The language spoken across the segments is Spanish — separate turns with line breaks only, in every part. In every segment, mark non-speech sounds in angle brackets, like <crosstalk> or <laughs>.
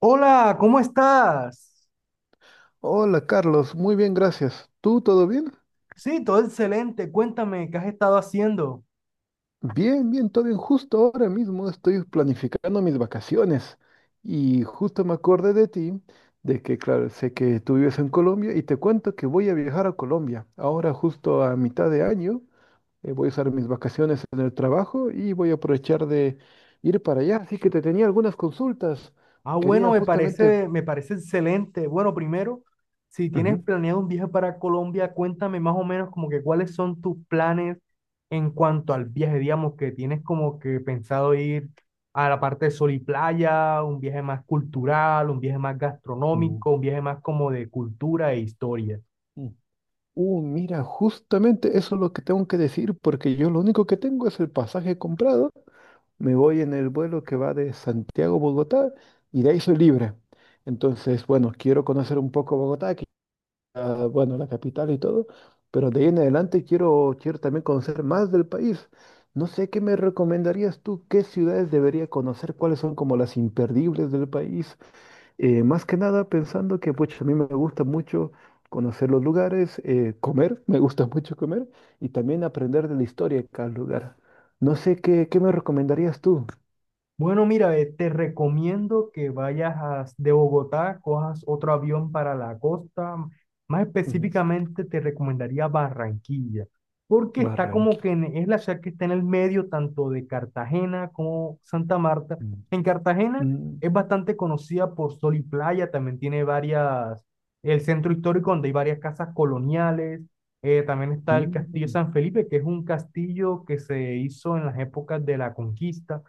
Hola, ¿cómo estás?
Hola Carlos, muy bien, gracias. ¿Tú todo bien?
Sí, todo excelente. Cuéntame, ¿qué has estado haciendo?
Bien, todo bien. Justo ahora mismo estoy planificando mis vacaciones y justo me acordé de ti, de que, claro, sé que tú vives en Colombia y te cuento que voy a viajar a Colombia. Ahora justo a mitad de año voy a usar mis vacaciones en el trabajo y voy a aprovechar de ir para allá. Así que te tenía algunas consultas.
Ah, bueno,
Quería
me
justamente...
parece, me parece excelente. Bueno, primero, si tienes planeado un viaje para Colombia, cuéntame más o menos como que cuáles son tus planes en cuanto al viaje, digamos, que tienes como que pensado ir a la parte de sol y playa, un viaje más cultural, un viaje más
Ujú.
gastronómico, un viaje más como de cultura e historia.
Ujú. Mira, justamente eso es lo que tengo que decir, porque yo lo único que tengo es el pasaje comprado. Me voy en el vuelo que va de Santiago a Bogotá y de ahí soy libre. Entonces, bueno, quiero conocer un poco Bogotá, que, ah, bueno, la capital y todo, pero de ahí en adelante quiero también conocer más del país. No sé qué me recomendarías tú, qué ciudades debería conocer, cuáles son como las imperdibles del país, más que nada pensando que pues, a mí me gusta mucho conocer los lugares, comer, <laughs> me gusta mucho comer y también aprender de la historia de cada lugar. No sé qué me recomendarías tú.
Bueno, mira, te recomiendo que de Bogotá, cojas otro avión para la costa. Más
Ujú.
específicamente, te recomendaría Barranquilla, porque está como
Barranquilla.
que es la ciudad que está en el medio tanto de Cartagena como Santa Marta.
Mm,
En Cartagena
mm,
es bastante conocida por sol y playa, también tiene varias, el centro histórico donde hay varias casas coloniales. También está el Castillo
mm,
San Felipe, que es un castillo que se hizo en las épocas de la conquista,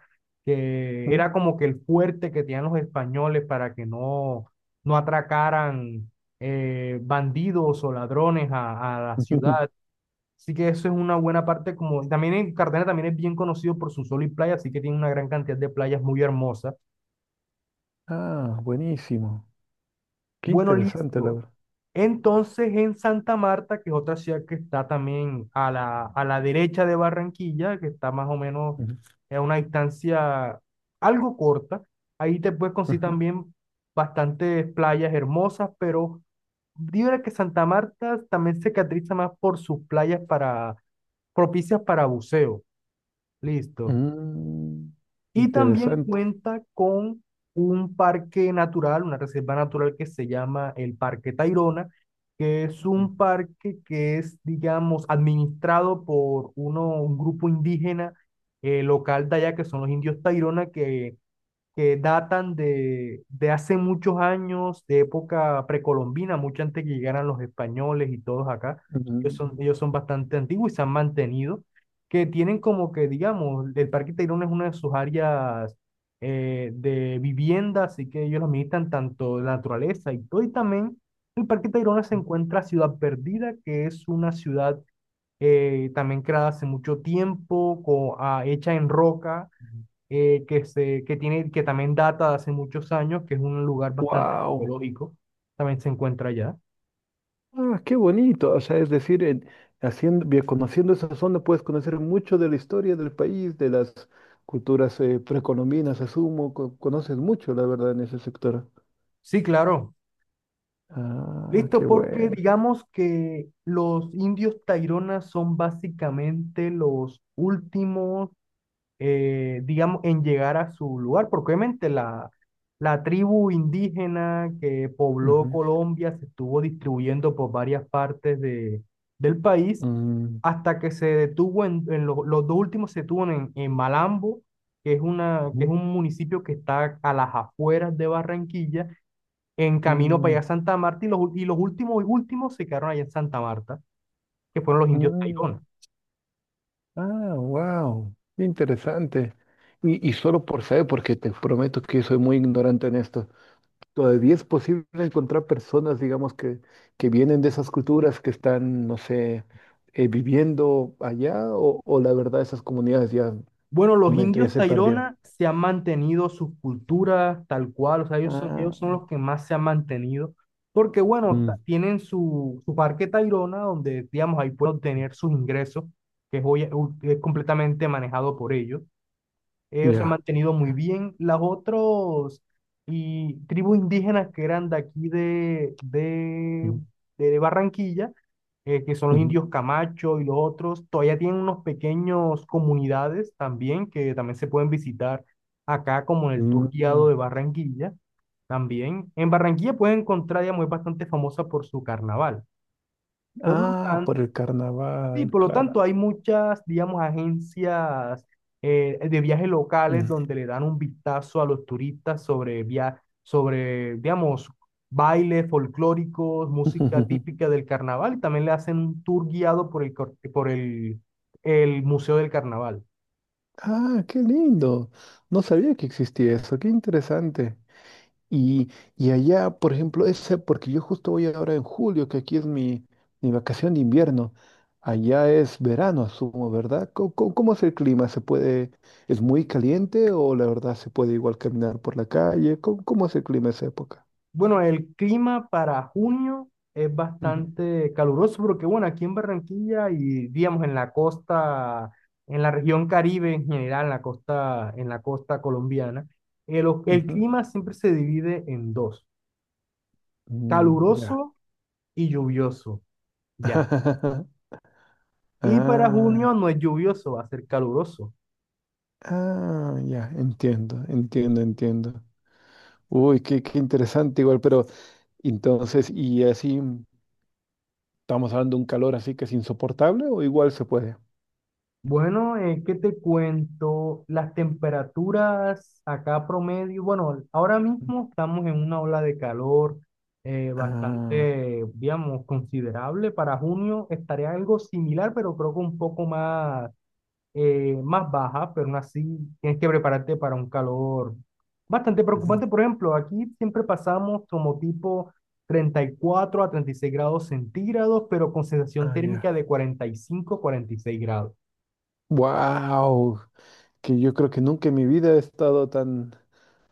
que
ujú.
era como que el fuerte que tenían los españoles para que no, no atracaran bandidos o ladrones a la ciudad.
<laughs>
Así que eso es una buena parte, como, también en Cartagena también es bien conocido por su sol y playa, así que tiene una gran cantidad de playas muy hermosas.
Ah, buenísimo. Qué
Bueno,
interesante, la
listo.
verdad.
Entonces, en Santa Marta, que es otra ciudad que está también a la derecha de Barranquilla, que está más o menos
Ujú,
a una distancia algo corta, ahí te puedes conseguir
ujú.
también bastantes playas hermosas, pero diría que Santa Marta también se caracteriza más por sus playas, para, propicias para buceo. Listo.
Mm,
Y también
interesante.
cuenta con un parque natural, una reserva natural que se llama el Parque Tayrona, que es un parque que es, digamos, administrado por un grupo indígena local de allá, que son los indios Tayrona, que datan de hace muchos años, de época precolombina, mucho antes que llegaran los españoles y todos acá. Ellos son bastante antiguos y se han mantenido. Que tienen como que, digamos, el Parque Tayrona es una de sus áreas de vivienda, así que ellos los militan tanto la naturaleza y todo. Y también el Parque Tayrona se encuentra Ciudad Perdida, que es una ciudad también creada hace mucho tiempo, hecha en roca que, se, que, tiene, que también data de hace muchos años, que es un lugar bastante
Wow.
arqueológico, también se encuentra allá.
Ah, qué bonito. O sea, es decir, haciendo, bien, conociendo esa zona puedes conocer mucho de la historia del país, de las culturas precolombinas, asumo. Conoces mucho, la verdad, en ese sector.
Sí, claro.
Ah, qué
Listo, porque
bueno.
digamos que los indios Taironas son básicamente los últimos digamos, en llegar a su lugar, porque obviamente la tribu indígena que pobló
Ujú.
Colombia se estuvo distribuyendo por varias partes del país,
Mm,
hasta que se detuvo en, los dos últimos se detuvo en Malambo, que es
ujú,
un municipio que está a las afueras de Barranquilla, en camino para allá a
mm,
Santa Marta, y y los últimos y últimos se quedaron allá en Santa Marta, que fueron los indios
mm.
Tairona.
Ah, wow. Interesante. Y solo por saber, porque te prometo que soy muy ignorante en esto. Todavía es posible encontrar personas, digamos, que vienen de esas culturas, que están, no sé, viviendo allá, o la verdad esas comunidades ya,
Bueno, los
momento, ya
indios
se perdieron.
Tairona se han mantenido sus culturas tal cual, o sea, ellos son,
Ah,
ellos son los que más se han mantenido, porque bueno,
mm,
tienen su parque Tairona, donde digamos ahí pueden obtener sus ingresos, que es hoy, es completamente manejado por ellos. Ellos se han
ya,
mantenido muy
ya.
bien. Las otros y tribus indígenas que eran de aquí de, de,
Mm,
de Barranquilla, que son los
ujú,
indios Camacho y los otros, todavía tienen unos pequeños comunidades también, que también se pueden visitar acá como en el
mm,
tour guiado
mm.
de Barranquilla. También en Barranquilla pueden encontrar, digamos, es bastante famosa por su carnaval. Por lo
Ah,
tanto,
por el
sí,
carnaval,
por lo
claro.
tanto, hay muchas, digamos, agencias de viajes locales
Mm.
donde le dan un vistazo a los turistas sobre, digamos, bailes folclóricos, música
<laughs>
típica del carnaval, y también le hacen un tour guiado por el Museo del Carnaval.
Ah, qué lindo. No sabía que existía eso, qué interesante. Y, y allá, por ejemplo, ese, porque yo justo voy ahora en julio, que aquí es mi vacación de invierno. Allá es verano, asumo, ¿verdad? ¿Cómo, cómo es el clima? ¿Se puede, es muy caliente o la verdad se puede igual caminar por la calle? ¿Cómo, cómo es el clima esa época?
Bueno, el clima para junio es
Ujú,
bastante caluroso porque, bueno, aquí en Barranquilla y, digamos, en la costa, en la región Caribe en general, en la costa colombiana, el
ujú.
clima siempre se divide en dos,
Mm, ya.
caluroso y lluvioso, ya.
<laughs>
Y para
Ah,
junio no es lluvioso, va a ser caluroso.
ah, ya, entiendo, entiendo. Uy, qué, qué interesante igual, pero entonces, y así. ¿Estamos hablando de un calor así que es insoportable o igual se puede?
Bueno, ¿qué te cuento? Las temperaturas acá promedio, bueno, ahora mismo estamos en una ola de calor
Ah,
bastante, digamos, considerable. Para junio estaría algo similar, pero creo que un poco más, más baja, pero aún así tienes que prepararte para un calor bastante
ujú,
preocupante. Por ejemplo, aquí siempre pasamos como tipo 34 a 36 grados centígrados, pero con sensación
ah,
térmica
ya.
de 40, 45, a 46 grados.
Wow, que yo creo que nunca en mi vida he estado tan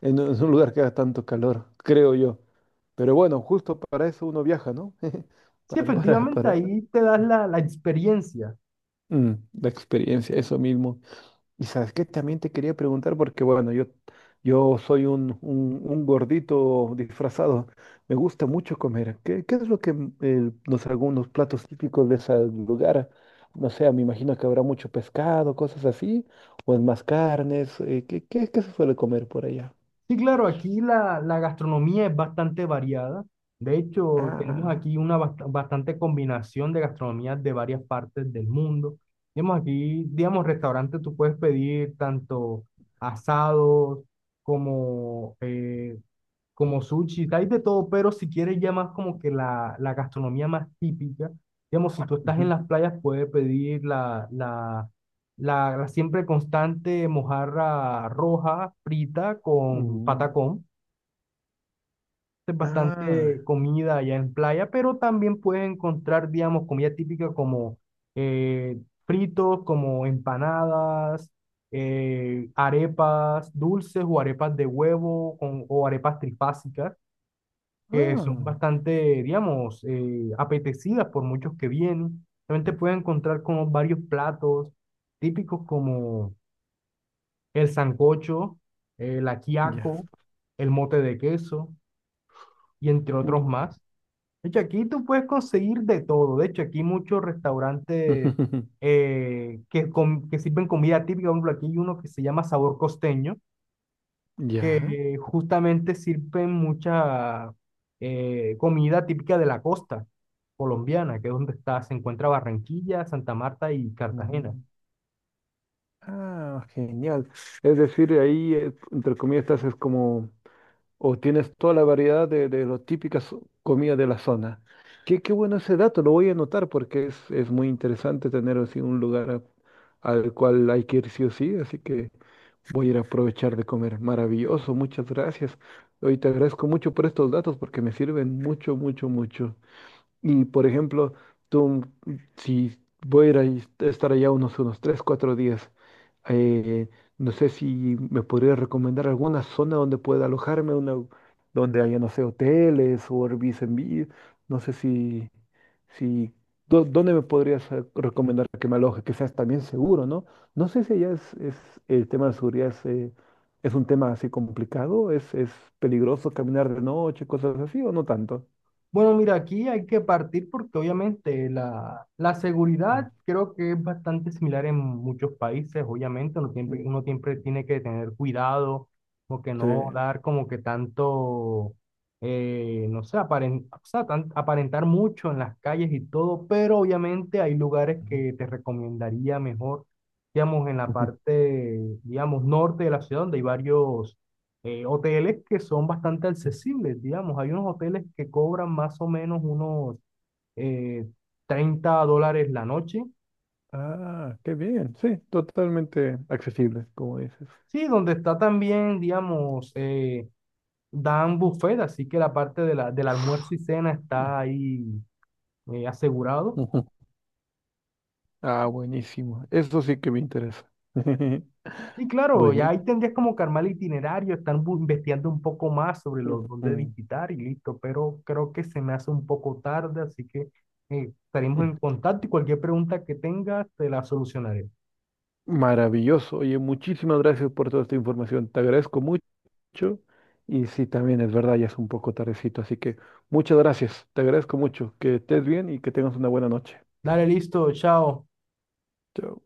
en un lugar que haga tanto calor, creo yo. Pero bueno, justo para eso uno viaja, ¿no? <laughs>
Sí, efectivamente,
Para
ahí te das la experiencia.
mm, la experiencia, eso mismo. Y sabes qué, también te quería preguntar, porque bueno, yo soy un gordito disfrazado, me gusta mucho comer. ¿Qué, qué es lo que los, algunos platos típicos de ese lugar? No sé, me imagino que habrá mucho pescado, cosas así, o es más carnes. ¿Qué, qué, qué se suele comer por allá?
Sí, claro, aquí la gastronomía es bastante variada. De hecho, tenemos
Ah,
aquí una bastante combinación de gastronomías de varias partes del mundo. Digamos, aquí, digamos, restaurante tú puedes pedir tanto asados como eh, como sushi, hay de todo, pero si quieres ya más como que la gastronomía más típica, digamos, si tú estás en
ujú,
las playas puedes pedir la siempre constante mojarra roja frita con
mm,
patacón. Es
ah,
bastante comida allá en playa, pero también puedes encontrar, digamos, comida típica como eh, fritos, como empanadas, arepas dulces o arepas de huevo o arepas trifásicas, que son
ah,
bastante, digamos, apetecidas por muchos que vienen. También te puedes encontrar con varios platos típicos como el sancocho, el
ya.
ajiaco, el mote de queso y entre
Mm,
otros más. De hecho, aquí tú puedes conseguir de todo. De hecho, aquí hay muchos restaurantes
<laughs>
que sirven comida típica. Por ejemplo, aquí hay uno que se llama Sabor Costeño,
ya.
que justamente sirven mucha comida típica de la costa colombiana, que es donde se encuentra Barranquilla, Santa Marta y Cartagena.
Mm. Ah, genial. Es decir, ahí, entre comillas, estás es como, o tienes toda la variedad de las típicas comidas de la zona. Qué, qué bueno ese dato, lo voy a anotar porque es muy interesante tener así un lugar al cual hay que ir sí o sí, así que voy a ir a aprovechar de comer. Maravilloso, muchas gracias. Hoy te agradezco mucho por estos datos porque me sirven mucho, mucho, mucho. Y por ejemplo, tú, si voy a ir estar allá unos 3 o 4 días, eh, no sé si me podría recomendar alguna zona donde pueda alojarme, una, donde haya, no sé, hoteles o Airbnb, no sé si, si, ¿dónde me podrías recomendar que me aloje? Que seas también seguro, ¿no? No sé si allá es el tema de seguridad es un tema así complicado, es peligroso caminar de noche, cosas así, o no tanto.
Bueno, mira, aquí hay que partir porque obviamente la seguridad creo que es bastante similar en muchos países. Obviamente, uno siempre,
Mm.
uno siempre tiene que tener cuidado, como que
Sí.
no dar como que tanto, no sé, o sea, aparentar mucho en las calles y todo, pero obviamente hay lugares
Ujú,
que te recomendaría mejor, digamos, en la
ujú.
parte, digamos, norte de la ciudad, donde hay varios hoteles que son bastante accesibles, digamos. Hay unos hoteles que cobran más o menos unos eh, $30 la noche.
Ah, qué bien. Sí, totalmente accesible, como dices.
Sí, donde está también, digamos, dan buffet, así que la parte del almuerzo y cena
Ah,
está ahí asegurado.
ujú. Ah, buenísimo. Eso sí que me interesa.
Y
<laughs>
claro, ya ahí
Buenísimo.
tendrías como que armar el itinerario, estar investigando un poco más sobre los dónde visitar y listo, pero creo que se me hace un poco tarde, así que estaremos
Ujú.
en contacto y cualquier pregunta que tengas te la solucionaré.
Maravilloso. Oye, muchísimas gracias por toda esta información. Te agradezco mucho. Y sí, también es verdad, ya es un poco tardecito. Así que muchas gracias. Te agradezco mucho. Que estés bien y que tengas una buena noche.
Dale, listo, chao.
Chao.